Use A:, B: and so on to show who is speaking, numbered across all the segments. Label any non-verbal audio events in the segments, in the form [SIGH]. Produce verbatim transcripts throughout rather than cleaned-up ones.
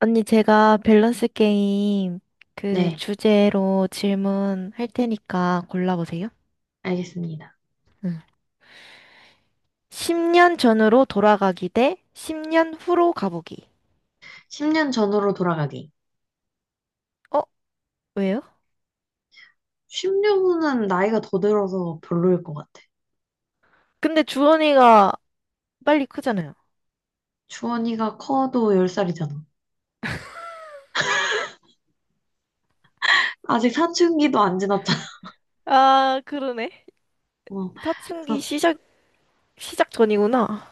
A: 언니, 제가 밸런스 게임 그
B: 네,
A: 주제로 질문 할 테니까 골라보세요.
B: 알겠습니다.
A: 응. 십 년 전으로 돌아가기 대 십 년 후로 가보기.
B: 십 년 전으로 돌아가기.
A: 어? 왜요?
B: 십 년 후는 나이가 더 들어서 별로일 것 같아.
A: 근데 주원이가 빨리 크잖아요.
B: 주원이가 커도 열 살이잖아. 아직 사춘기도 안 지났잖아.
A: 아, 그러네.
B: [LAUGHS] 어,
A: 사춘기
B: 그래서,
A: 시작, 시작 전이구나.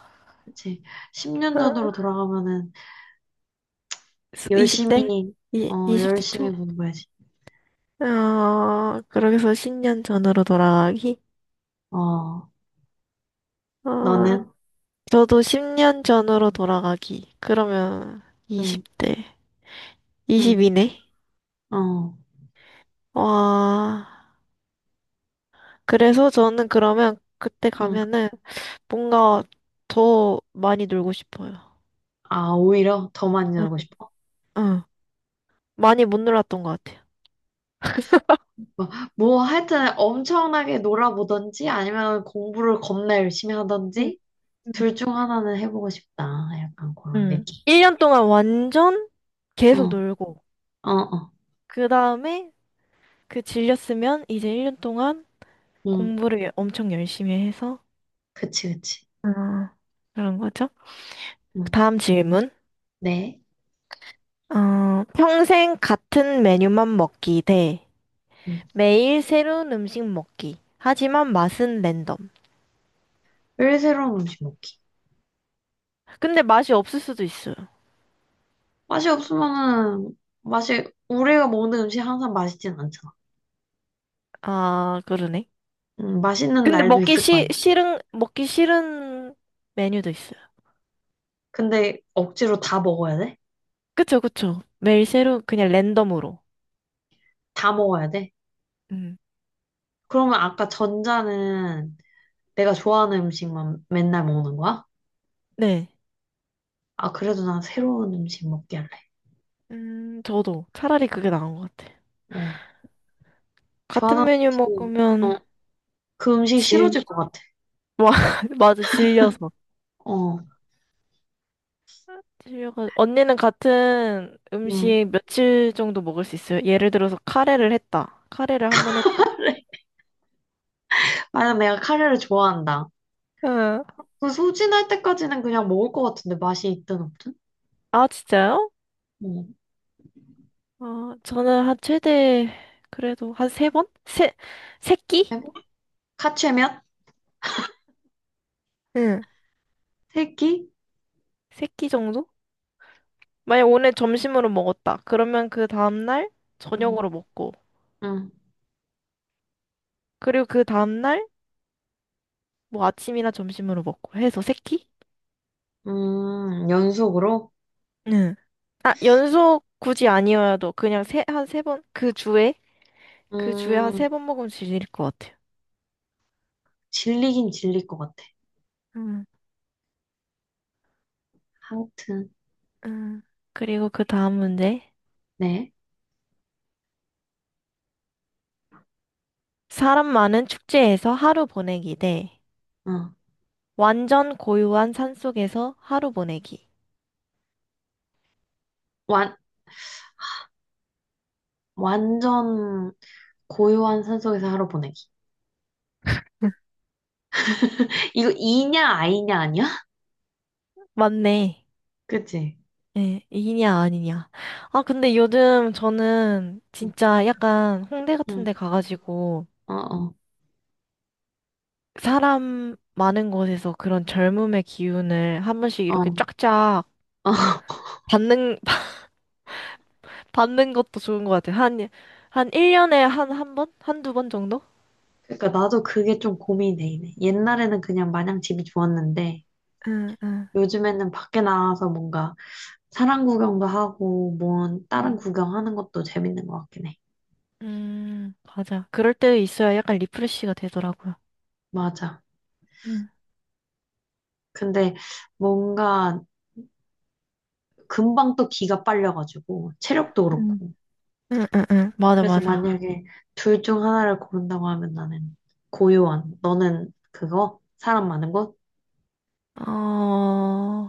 B: 그치. 십 년
A: 아,
B: 전으로 돌아가면은
A: 이십 대?
B: 열심히,
A: 이,
B: 어,
A: 이십 대
B: 열심히
A: 초?
B: 공부해야지.
A: 아, 그러게서 십 년 전으로 돌아가기?
B: 어,
A: 아,
B: 너는?
A: 저도 십 년 전으로 돌아가기. 그러면
B: 응,
A: 이십 대.
B: 응,
A: 이십이네.
B: 어,
A: 와, 그래서 저는 그러면 그때
B: 응.
A: 가면은 뭔가 더 많이 놀고 싶어요.
B: 아, 오히려 더 많이
A: 응,
B: 놀고 싶어.
A: 응. 많이 못 놀았던 것 같아요.
B: 뭐, 뭐 하여튼 엄청나게 놀아보던지 아니면 공부를 겁나 열심히
A: 음,
B: 하던지
A: 음.
B: 둘 중 하나는 해보고 싶다. 약간 그런
A: 응.
B: 느낌.
A: 일 년 동안 완전 계속
B: 어,
A: 놀고,
B: 어, 어.
A: 그 다음에 그 질렸으면 이제 일 년 동안
B: 응,
A: 공부를 엄청 열심히 해서,
B: 그치, 그치.
A: 어, 그런 거죠.
B: 응,
A: 다음 질문.
B: 네.
A: 어, 평생 같은 메뉴만 먹기 대
B: 응.
A: 매일 새로운 음식 먹기. 하지만 맛은 랜덤.
B: 늘 새로운 음식 먹기.
A: 근데 맛이 없을 수도 있어요.
B: 맛이 없으면은, 맛이, 우리가 먹는 음식 항상 맛있진 않잖아.
A: 아, 그러네.
B: 응, 맛있는
A: 근데
B: 날도
A: 먹기
B: 있을 거
A: 시,
B: 아니야.
A: 싫은, 먹기 싫은 메뉴도 있어요.
B: 근데 억지로 다 먹어야 돼?
A: 그쵸, 그쵸. 매일 새로운, 그냥 랜덤으로.
B: 다 먹어야 돼?
A: 음,
B: 그러면 아까 전자는 내가 좋아하는 음식만 맨날 먹는 거야?
A: 네.
B: 아, 그래도 난 새로운 음식 먹게 할래.
A: 음, 저도 차라리 그게 나은 것 같아요.
B: 어,
A: 같은
B: 좋아하는
A: 메뉴
B: 음식, 어,
A: 먹으면
B: 그 음식
A: 질,
B: 싫어질 것 같아.
A: [LAUGHS] 와, 맞아, 질려서.
B: 어,
A: 질려가, 언니는 같은
B: 응.
A: 음식 며칠 정도 먹을 수 있어요? 예를 들어서 카레를 했다. 카레를 한 번 했다.
B: 만약 내가 카레를 좋아한다.
A: 응.
B: 그 소진할 때까지는 그냥 먹을 것 같은데 맛이 있든 없든.
A: 아, 진짜요?
B: 음.
A: 어, 저는 한 최대, 그래도 한 세 번? 세, 세 끼?
B: 카츠면?
A: 응.
B: 세끼.
A: 세끼 정도? 만약 오늘 점심으로 먹었다. 그러면 그 다음날
B: 음.
A: 저녁으로 먹고,
B: 음.
A: 그리고 그 다음날 뭐 아침이나 점심으로 먹고 해서 세 끼?
B: 음, 연속으로?
A: 응. 아, 연속 굳이 아니어도 그냥 세, 한 세 번? 그 주에? 그 주에 한
B: 음,
A: 세 번 먹으면 질릴 것 같아요.
B: 질리긴 질릴 것 같아.
A: 응.
B: 아무튼,
A: 응. 그리고 그 다음 문제.
B: 네.
A: 사람 많은 축제에서 하루 보내기 대
B: 응.
A: 완전 고요한 산속에서 하루 보내기.
B: 완, 완전 고요한 산속에서 하루 보내기.
A: [LAUGHS]
B: 이거 이냐, 아이냐, 아니야? [LAUGHS]
A: 맞네.
B: 그치?
A: 예, 이냐 아니냐. 아, 근데 요즘 저는
B: 응,
A: 진짜 약간 홍대 같은
B: 응.
A: 데 가가지고
B: 어, 어,
A: 사람 많은 곳에서 그런 젊음의 기운을 한 번씩
B: 어. 어.
A: 이렇게 쫙쫙
B: [LAUGHS]
A: 받는, [LAUGHS] 받는 것도 좋은 것 같아요. 한, 한 일 년에 한, 한 번? 한두 번 정도?
B: 그러니까 나도 그게 좀 고민이 되네. 옛날에는 그냥 마냥 집이 좋았는데,
A: 응, 응,
B: 요즘에는 밖에 나가서 뭔가 사람 구경도 하고, 뭐, 다른
A: 음,
B: 구경하는 것도 재밌는 것 같긴 해.
A: 음, 맞아. 그럴 때 있어야 약간 리프레시가 되더라고요.
B: 맞아.
A: 음.
B: 근데 뭔가 금방 또 기가 빨려가지고, 체력도
A: 응,
B: 그렇고.
A: 응, 응, 응. 맞아,
B: 그래서
A: 맞아.
B: 만약에 둘 중 하나를 고른다고 하면 나는 고요한. 너는 그거? 사람 많은 곳?
A: 어,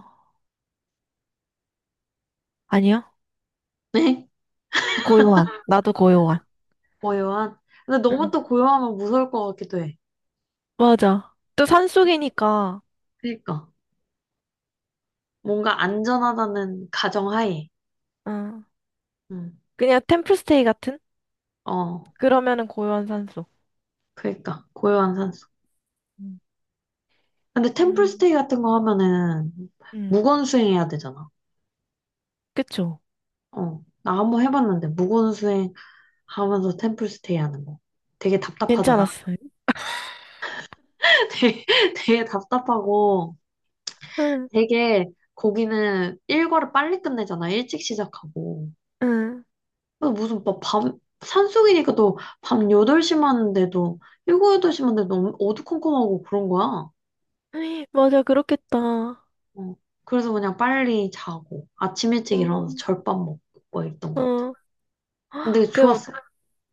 A: 아니요.
B: 네?
A: 고요한. 나도 고요한.
B: [LAUGHS] 고요한? 근데 너무
A: 응.
B: 또 고요하면 무서울 것 같기도 해.
A: 맞아. 또 산속이니까,
B: 그니까. 뭔가 안전하다는 가정하에.
A: 응.
B: 응.
A: 그냥 템플스테이 같은?
B: 어,
A: 그러면은 고요한 산속.
B: 그니까. 고요한
A: 음,
B: 근데
A: 음,
B: 템플스테이 같은 거 하면은
A: 음.
B: 무건 수행해야 되잖아.
A: 그쵸.
B: 어. 나 한번 해봤는데 무건 수행 하면서 템플스테이 하는 거. 되게 답답하더라.
A: 괜찮았어요.
B: [LAUGHS] 되게, 되게 답답하고
A: 응,
B: 되게 거기는 일과를 빨리 끝내잖아. 일찍 시작하고.
A: 응.
B: 그래서 무슨 막 밤, 산속이니까 또 밤 여덟 시만 하는데도 일곱, 여덟 시만 데도 너무 어두컴컴하고 그런 거야.
A: 에이, 맞아, 그렇겠다.
B: 어. 그래서 그냥 빨리 자고 아침 일찍
A: 어,
B: 일어나서 절밥 먹고 막 이랬던 것 같아.
A: 어.
B: 근데
A: 그럼,
B: 좋았어.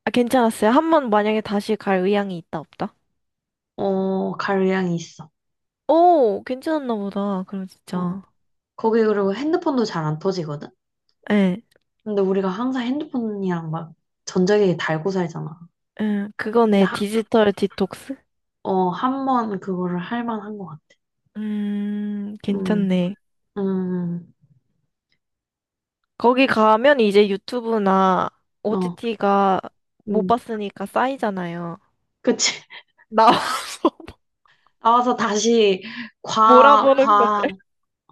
A: 아, 괜찮았어요. 한 번 만약에 다시 갈 의향이 있다, 없다?
B: 어, 갈 의향이 있어.
A: 오, 괜찮았나 보다. 그럼
B: 어.
A: 진짜.
B: 거기 그리고 핸드폰도 잘 안 터지거든?
A: 예,
B: 근데 우리가 항상 핸드폰이랑 막 전자기기 달고 살잖아.
A: 응.
B: 근데
A: 그거네.
B: 하,
A: 디지털 디톡스.
B: 어, 한 번 그거를 할 만한 것 같아.
A: 음,
B: 음,
A: 괜찮네.
B: 음,
A: 거기 가면 이제 유튜브나
B: 음. 어,
A: 오티티가 못
B: 음.
A: 봤으니까 쌓이잖아요.
B: 그치. [LAUGHS]
A: 나와서 [LAUGHS]
B: 나와서 다시 과,
A: 몰아보는 거.
B: 과,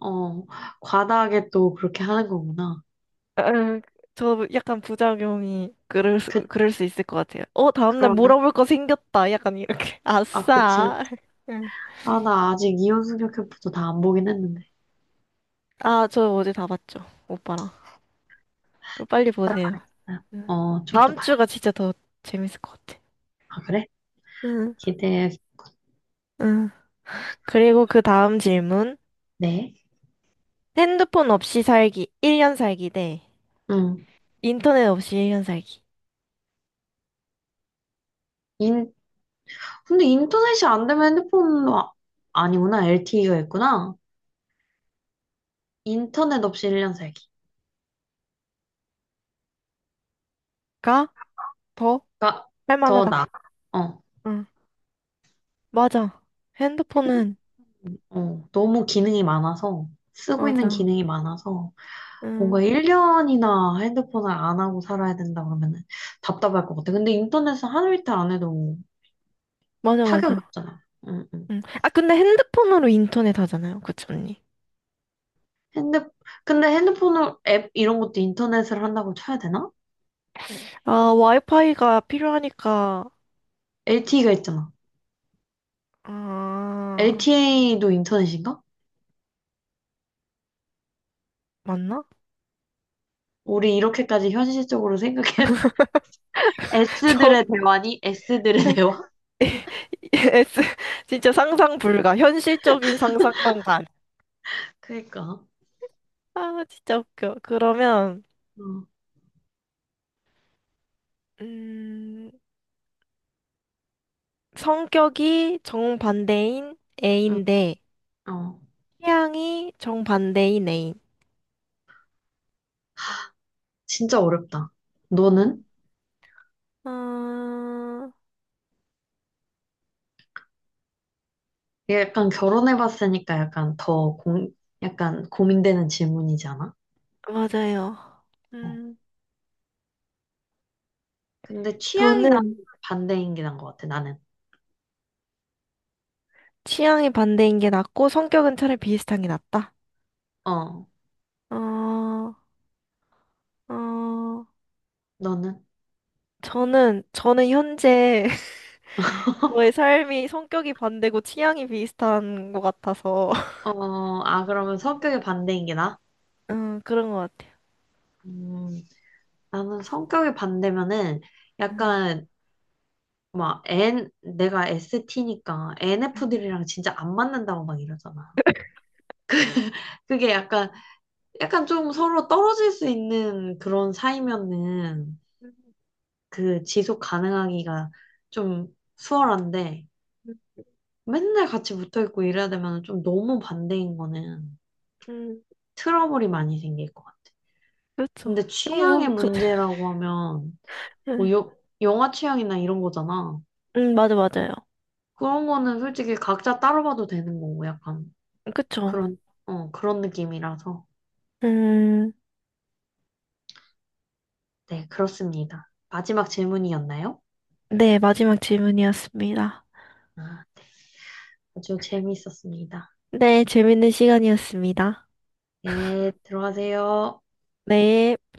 B: 어, 과다하게 또 그렇게 하는 거구나.
A: 아, 저 약간 부작용이 그럴 수,
B: 그,
A: 그럴 수 있을 것 같아요. 어, 다음날
B: 그러네.
A: 몰아볼 거 생겼다. 약간 이렇게. [LAUGHS]
B: 아, 그치.
A: 아싸.
B: 그치.
A: 응.
B: 아, 나 아직 이혼 승녀 캠프도 다 안 보긴 했는데.
A: 아, 저 어제 다 봤죠. 오빠랑. 그 빨리
B: 딱
A: 보세요.
B: 봐야겠다.
A: 응.
B: 어, 좀 더
A: 다음
B: 봐야.
A: 주가 진짜 더 재밌을 것 같아.
B: 아, 그래?
A: 응,
B: 기대해.
A: 응. 그리고 그 다음 질문.
B: 네.
A: 핸드폰 없이 살기, 일 년 살기 대
B: 응.
A: 인터넷 없이 일 년 살기가
B: 인, 근데 인터넷이 안 되면 핸드폰도 아, 아니구나. 엘티이가 있구나. 인터넷 없이 일 년 살기가
A: 더
B: 더
A: 할만하다.
B: 나아. 어,
A: 응, 맞아. 핸드폰은,
B: 어, 너무 기능이 많아서, 쓰고 있는
A: 맞아.
B: 기능이 많아서, 뭔가
A: 응,
B: 일 년이나 핸드폰을 안 하고 살아야 된다 그러면은 답답할 것 같아. 근데 인터넷은 하루 이틀 안 해도
A: 맞아,
B: 타격이
A: 맞아.
B: 없잖아. 응, 응.
A: 응. 아, 근데 핸드폰으로 인터넷 하잖아요. 그치, 언니?
B: 핸드, 근데 핸드폰을, 앱 이런 것도 인터넷을 한다고 쳐야 되나?
A: 아, 와이파이가 필요하니까,
B: 엘티이가 있잖아.
A: 아,
B: 엘티이도 인터넷인가?
A: 맞나?
B: 우리 이렇게까지 현실적으로 생각해. [LAUGHS]
A: [LAUGHS] 저,
B: S들의 대화니? S들의 대화?
A: [LAUGHS] S, 진짜 상상 불가. 현실적인 상상만 간.
B: 그니까.
A: 아, 진짜 웃겨. 그러면,
B: 응,
A: 음, 성격이 정반대인
B: 응,
A: A인데
B: 어.
A: 취향이 정반대인 A인.
B: 진짜 어렵다. 너는?
A: 음. 아,
B: 이게 약간 결혼해봤으니까 약간 더 공, 약간 고민되는 질문이잖아?
A: 맞아요.
B: 어.
A: 음,
B: 근데 취향이 나는
A: 저는
B: 반대인 게 나은 것 같아, 나는.
A: 취향이 반대인 게 낫고 성격은 차라리 비슷한 게 낫다.
B: 어.
A: 어, 어,
B: 너는?
A: 저는 저는 현재 [LAUGHS] 저의 삶이 성격이 반대고 취향이 비슷한 것 같아서 [LAUGHS]
B: 어, 아, 그러면 성격이 반대인 게 나?
A: 음, 그런 것 같아요.
B: 음, 나는 성격이 반대면은 약간 막 N 내가 에스티니까
A: 음,
B: 엔에프들이랑 진짜 안 맞는다고 막 이러잖아. 그게 약간 약간 좀 서로 떨어질 수 있는 그런 사이면은
A: 음,
B: 그 지속 가능하기가 좀 수월한데
A: 음,
B: 맨날 같이 붙어 있고 이래야 되면 좀 너무 반대인 거는
A: 음,
B: 트러블이 많이 생길 것 같아.
A: 그렇죠.
B: 근데 취향의
A: 형부, 그, [LAUGHS]
B: 문제라고 하면 뭐
A: 음,
B: 요, 영화 취향이나 이런 거잖아.
A: 음, 맞아, 맞아요.
B: 그런 거는 솔직히 각자 따로 봐도 되는 거고 약간
A: 그쵸.
B: 그런 어, 그런 느낌이라서.
A: 음,
B: 네, 그렇습니다. 마지막 질문이었나요?
A: 네, 마지막 질문이었습니다.
B: 아, 네. 아주 재미있었습니다.
A: 네, 재밌는 시간이었습니다.
B: 예, 들어가세요.
A: 네.